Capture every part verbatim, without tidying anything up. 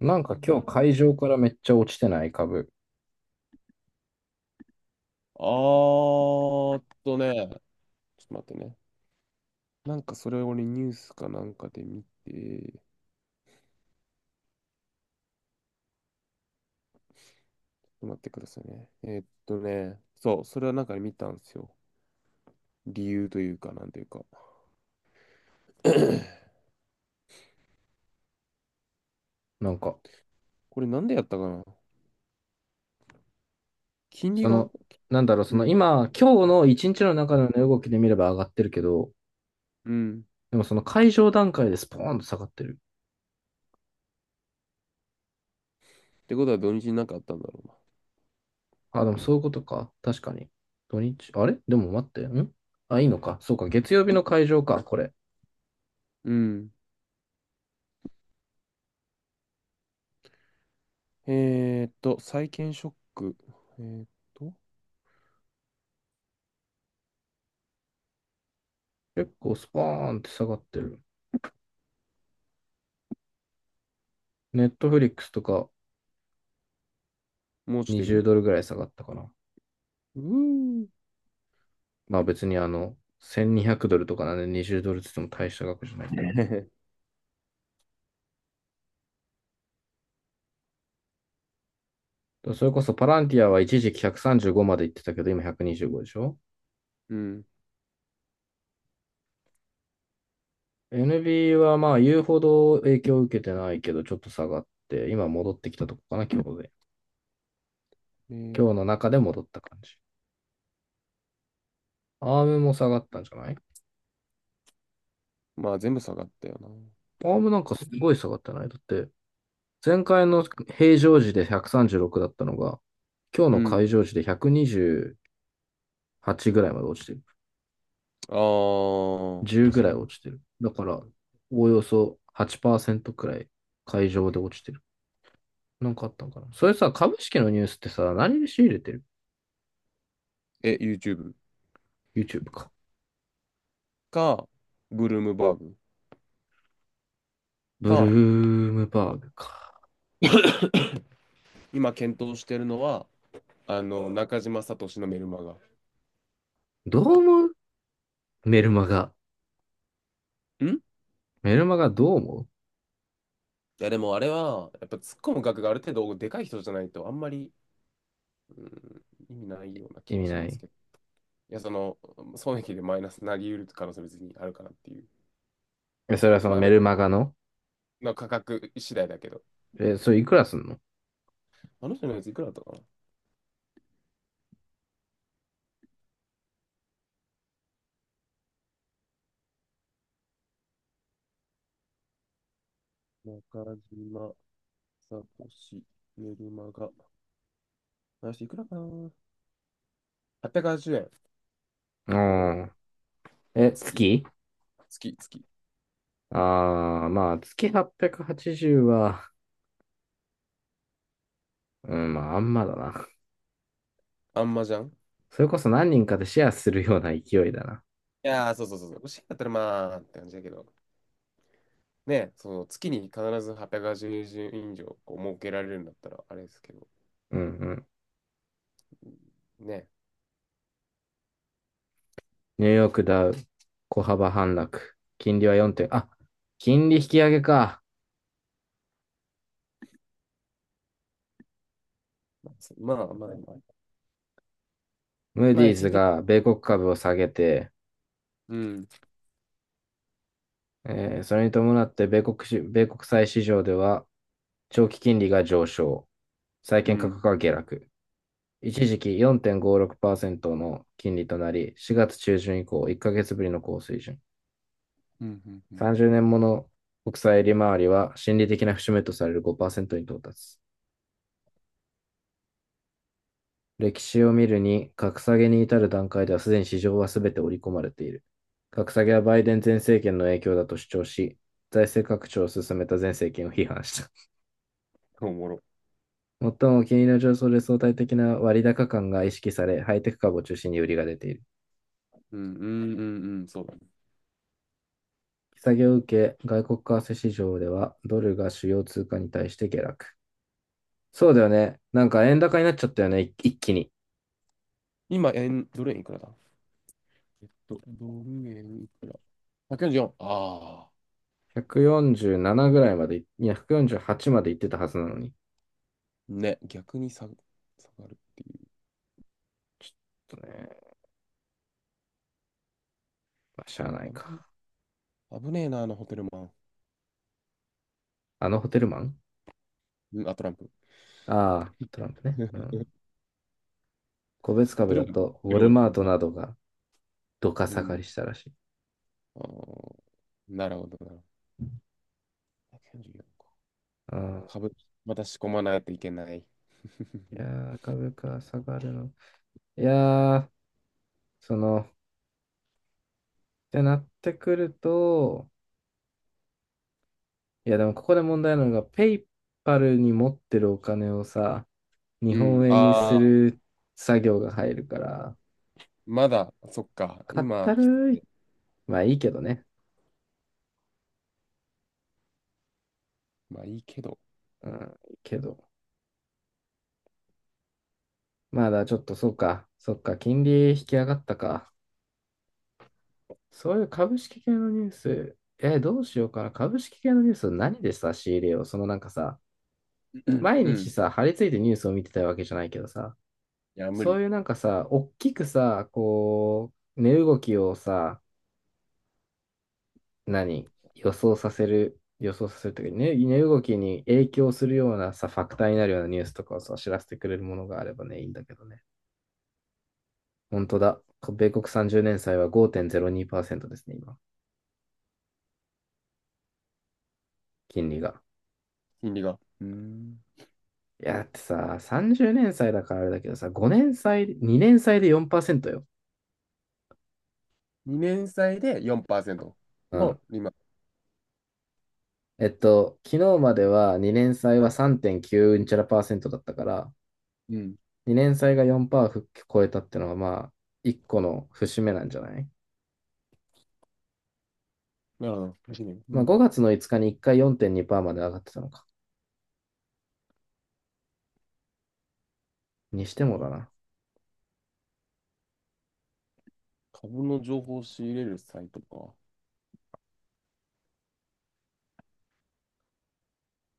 なんか今日会場からめっちゃ落ちてない株。あーっとね、ちょっと待ってね。なんかそれをねニュースかなんかで見て、ちょっと待ってくださいね。えーっとね、そう、それはなんかで見たんですよ。理由というか、なんというか。なんか、これなんでやったかな？金利そが。の、なんだろう、そうのん。今、今日の一日の中の値動きで見れば上がってるけど、うん。っでもその会場段階でスポーンと下がってる。てことは土日になんかあったんだろうな。あ、でもそういうことか。確かに。土日、あれでも待って、んあ、いいのか。そうか、月曜日の会場か、これ。うん。えーっと、債券ショック。えーっと、結構スポーンって下がってる。ネットフリックスとかもう落ちてにじゅうる。ドルぐらい下がったかな。うーん。まあ別にあの、せんにひゃくドルとかなんでにじゅうドルって言っても大した額じゃないんだけど。それこそパランティアは一時期ひゃくさんじゅうごまで行ってたけど、今ひゃくにじゅうごでしょ？ うん。エヌビー はまあ言うほど影響を受けてないけど、ちょっと下がって、今戻ってきたとこかな、今日で。え今日ーの中で戻った感じ。アームも下がったんじゃない？まあ全部下がったよな。アームなんかすごい下がってない。だって、前回の平常時でひゃくさんじゅうろくだったのが、今日うのん。会場時でひゃくにじゅうはちぐらいまで落ちてる。あー、はじゅうぐちらいねん。落ちてる。だから、おおよそはちパーセントくらい会場で落ちてる。なんかあったんかな。それさ、株式のニュースってさ、何で仕入れてる？ え、YouTube YouTube か。か、ブルームバーグブルか、ームバーグか。今検討してるのは、あの、中島聡のメルマガ。どう思う？メルマガ。んいメルマガどう思う？や、でもあれは、やっぱ突っ込む額がある程度でかい人じゃないと、あんまり、うん、意味ないような気意も味しなますい。けど。いや、その、損益でマイナスになり得る可能性は別にあるかなっていう。え、それはそのまあ、メメルマガの？の価格次第だけど。え、それいくらすんの？あの人のやついくらだったかな。中島、サトシ、メルマガ。あ、していくらかな？ はっぴゃく 円。うおん。ー。え、月、月？月、月。ああー、まあ、月はっぴゃくはちじゅう、はちじゅうは、うん、まあ、あんまだな。あんまじゃん。それこそ何人かでシェアするような勢いだな。いやー、そうそうそうそう。欲しいんだったらまあ、って感じだけど。ね、その月に必ずはっぴゃくえん以上こう設けられるんだったらあれですけど。うんうん。うん。ね。ニューヨークダウ、小幅反落。金利はよんてん、あ、金利引き上げか。まあまあまあ。ムーまあディ一ーズ時的。が米国株を下げて、うん。えーそれに伴って米国し、米国債市場では長期金利が上昇、債う券価ん。格が下落。一時期よんてんごろくパーセントの金利となり、しがつ中旬以降いっかげつぶりの高水準。うん。うん。うん。さんじゅうねんもの国債利回りは心理的な節目とされるごパーセントに到達。歴史を見るに、格下げに至る段階ではすでに市場はすべて織り込まれている。格下げはバイデン前政権の影響だと主張し、財政拡張を進めた前政権を批判した。おもろ。最も金利の上昇で相対的な割高感が意識され、ハイテク株を中心に売りが出ている。うん。うん。うん。うんそうだね。利下げを受け、外国為替市場ではドルが主要通貨に対して下落。そうだよね。なんか円高になっちゃったよね、一気に。今、円、ドル円いくらだ。えっと、ドル円いくら？ ひゃくよんじゅうよん。ああ。ひゃくよんじゅうななぐらいまで、いや、ひゃくよんじゅうはちまで行ってたはずなのに。ね、逆に下、下がるっていう。ちょっとね、まあ、しゃあないあぶか。危ねえな、あのホテルマン。あのホテルマン？うん、あ、トランプ。ああー、トランプね。うん。個別ホ株テルだマン、と、ホウテォルルマン。マートまあ、などがどかう下がん。りしたらしい。あーなるほど、なるほど。いち よんか。ああ、株、また仕込まないといけない。いや ー、株価下がるの。いやー、その、ってなってくると、いや、でもここで問題なのが、ペイパルに持ってるお金をさ、日う本ん、円にすああ、る作業が入るから、まだ、そっか。かっ今、たきついるね。い。まあいいけどね。まあいいけど。うん、いいけど。まだちょっとそうか、そっか、金利引き上がったか。そういう株式系のニュース、え、どうしようかな。株式系のニュース何でさ、仕入れよう。そのなんかさ、うん、毎う日ん。さ、張り付いてニュースを見てたわけじゃないけどさ、いや、無そ理。ういうなんかさ、おっきくさ、こう、値動きをさ、何予想させる、予想させるというか、ね、値動きに影響するようなさ、ファクターになるようなニュースとかをさ、知らせてくれるものがあればね、いいんだけどね。本当だ。米国さんじゅうねん債はごてんぜろにパーセントですね、今。金利が。金利が。うん。いや、だってさ、さんじゅうねん祭だからあれだけどさ、ごねん祭、にねん祭でよんパーセントよ。にねん債でよんパーセントうの、ん。今。えっと、昨日まではにねん祭はあ、さんてんきゅうううんちゃらパーセントだったから、うん。にねん祭がよんパーセント超えたってのは、まあ、いっこの節目なんじゃない？なるほど。楽しみ。うまあ、ん。ごがつのいつかにいっかいよんてんにパーセントまで上がってたのか。にしてもだな。株の情報を仕入れるサイトか。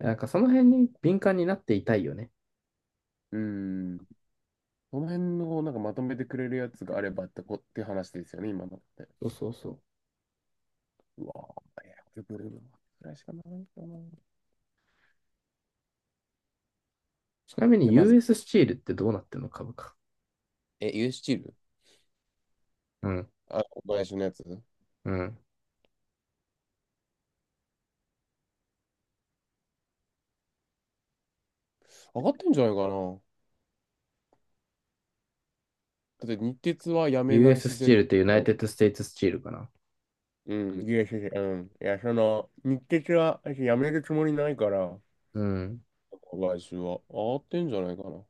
なんかその辺に敏感になっていたいよね。うーん。この辺のなんかまとめてくれるやつがあればってこって話ですよね、今のって。そうそうそう。うわぁ、えや、これぐらいしかないかな。いちなみに や、まず、ユーエス ススチールってどうなってんの？株価。え、ユースチール。うん、あ、小林のやつうん。上がってんじゃないかな。だって日鉄はやめない ユーエス スス姿チ勢。ールってユナイテッドステイツスチールかな。うん、いや、いや、いや、うん。いや、その、日鉄は私やめるつもりないから、うん。来週は上がってんじゃないかな。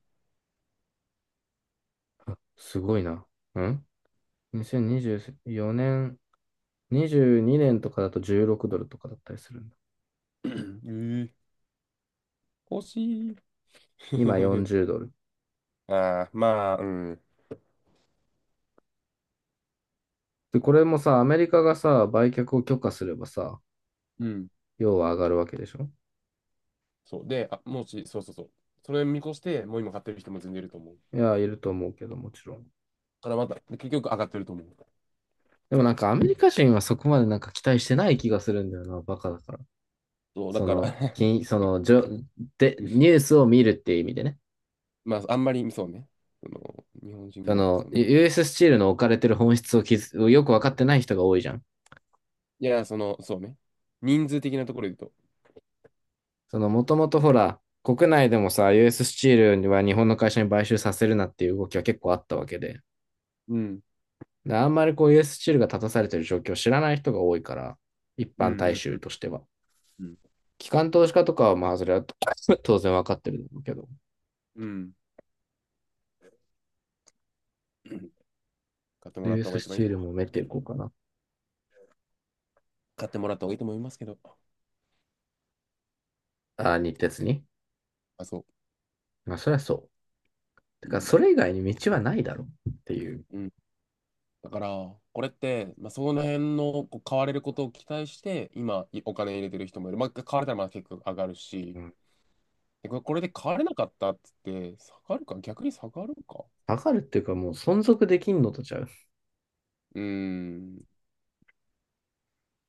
すごいな。ん？ にせんにじゅうよん 年、にじゅうにねんとかだとじゅうろくドルとかだったりするんだ。ええ、欲しい。今 よんじゅうドル。ああ、まあ、うん。で、これもさ、アメリカがさ、売却を許可すればさ、うん。要は上がるわけでしょ？そう。で、あ、もし、そうそうそう。それ見越して、もう今買ってる人も全然いると思う。だいや、いると思うけど、もちろん。からまた、で結局上がってると思う。でもなんかアメリカ人はそこまでなんか期待してない気がするんだよな、バカだから。そう、だそから。 の、金、その、じょ、で、うニん。ュースを見るっていう意味でね。まあ、あんまり、そうね。その、日本人あぐらいはの、そんな。ユーエス ススチールの置かれてる本質をきずをよくわかってない人が多いじゃん。いや、その、そうね。人数的なところで言うと。その、もともとほら、国内でもさ、ユーエス ススチールは日本の会社に買収させるなっていう動きは結構あったわけで、うん。であんまりこう ユーエス ススチールが立たされてる状況を知らない人が多いから、一う般んう大んう衆んとしては。うん。機関投資家とかはまあ、それは 当然わかってるんだけど、うん。買ってもらった方 ユーエス がスス一番チいい。ールも埋めていこうかな。買ってもらった方がいいと思いますけど。あ、日鉄に。あ、そまあ、そりゃそう。てう。うか、ん。それ以外に道はないだろうっていう。うん。だから、これって、まあ、その辺のこう買われることを期待して、今、いお金入れてる人もいる。まあ、買われたらまあ結構上がるし、うかでこれこれで変われなかったっつって、下がるか、逆に下がるか。下がるっていうか、もう存続できんのとちゃう。うーん。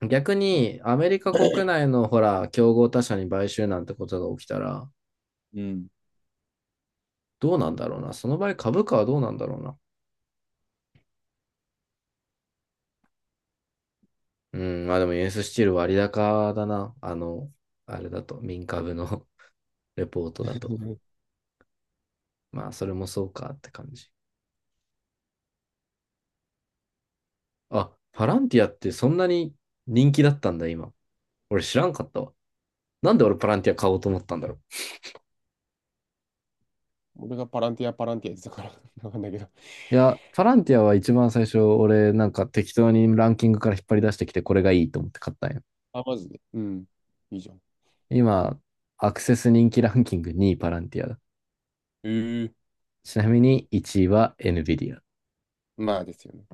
逆いや、にアメリカ国内のほら、競合他社に買収なんてことが起きたら、うん。どうなんだろうな。その場合株価はどうなんだろうな。うん、まあでもユーススチール割高だな。あの、あれだと、民株の レポートだと。まあそれもそうかって感じ。あ、パランティアってそんなに人気だったんだ今。俺知らんかったわ。なんで俺パランティア買おうと思ったんだろう。俺がパランティア、パランティアやってたから わかんないけど。いや、パランティアは一番最初、俺なんか適当にランキングから引っ張り出してきて、これがいいと思って買ったんよ。あ、マジで。うん。いいじゃん。今、アクセス人気ランキングにいパランティアだ。ええ、ちなみにいちいは NVIDIA。まあですよね。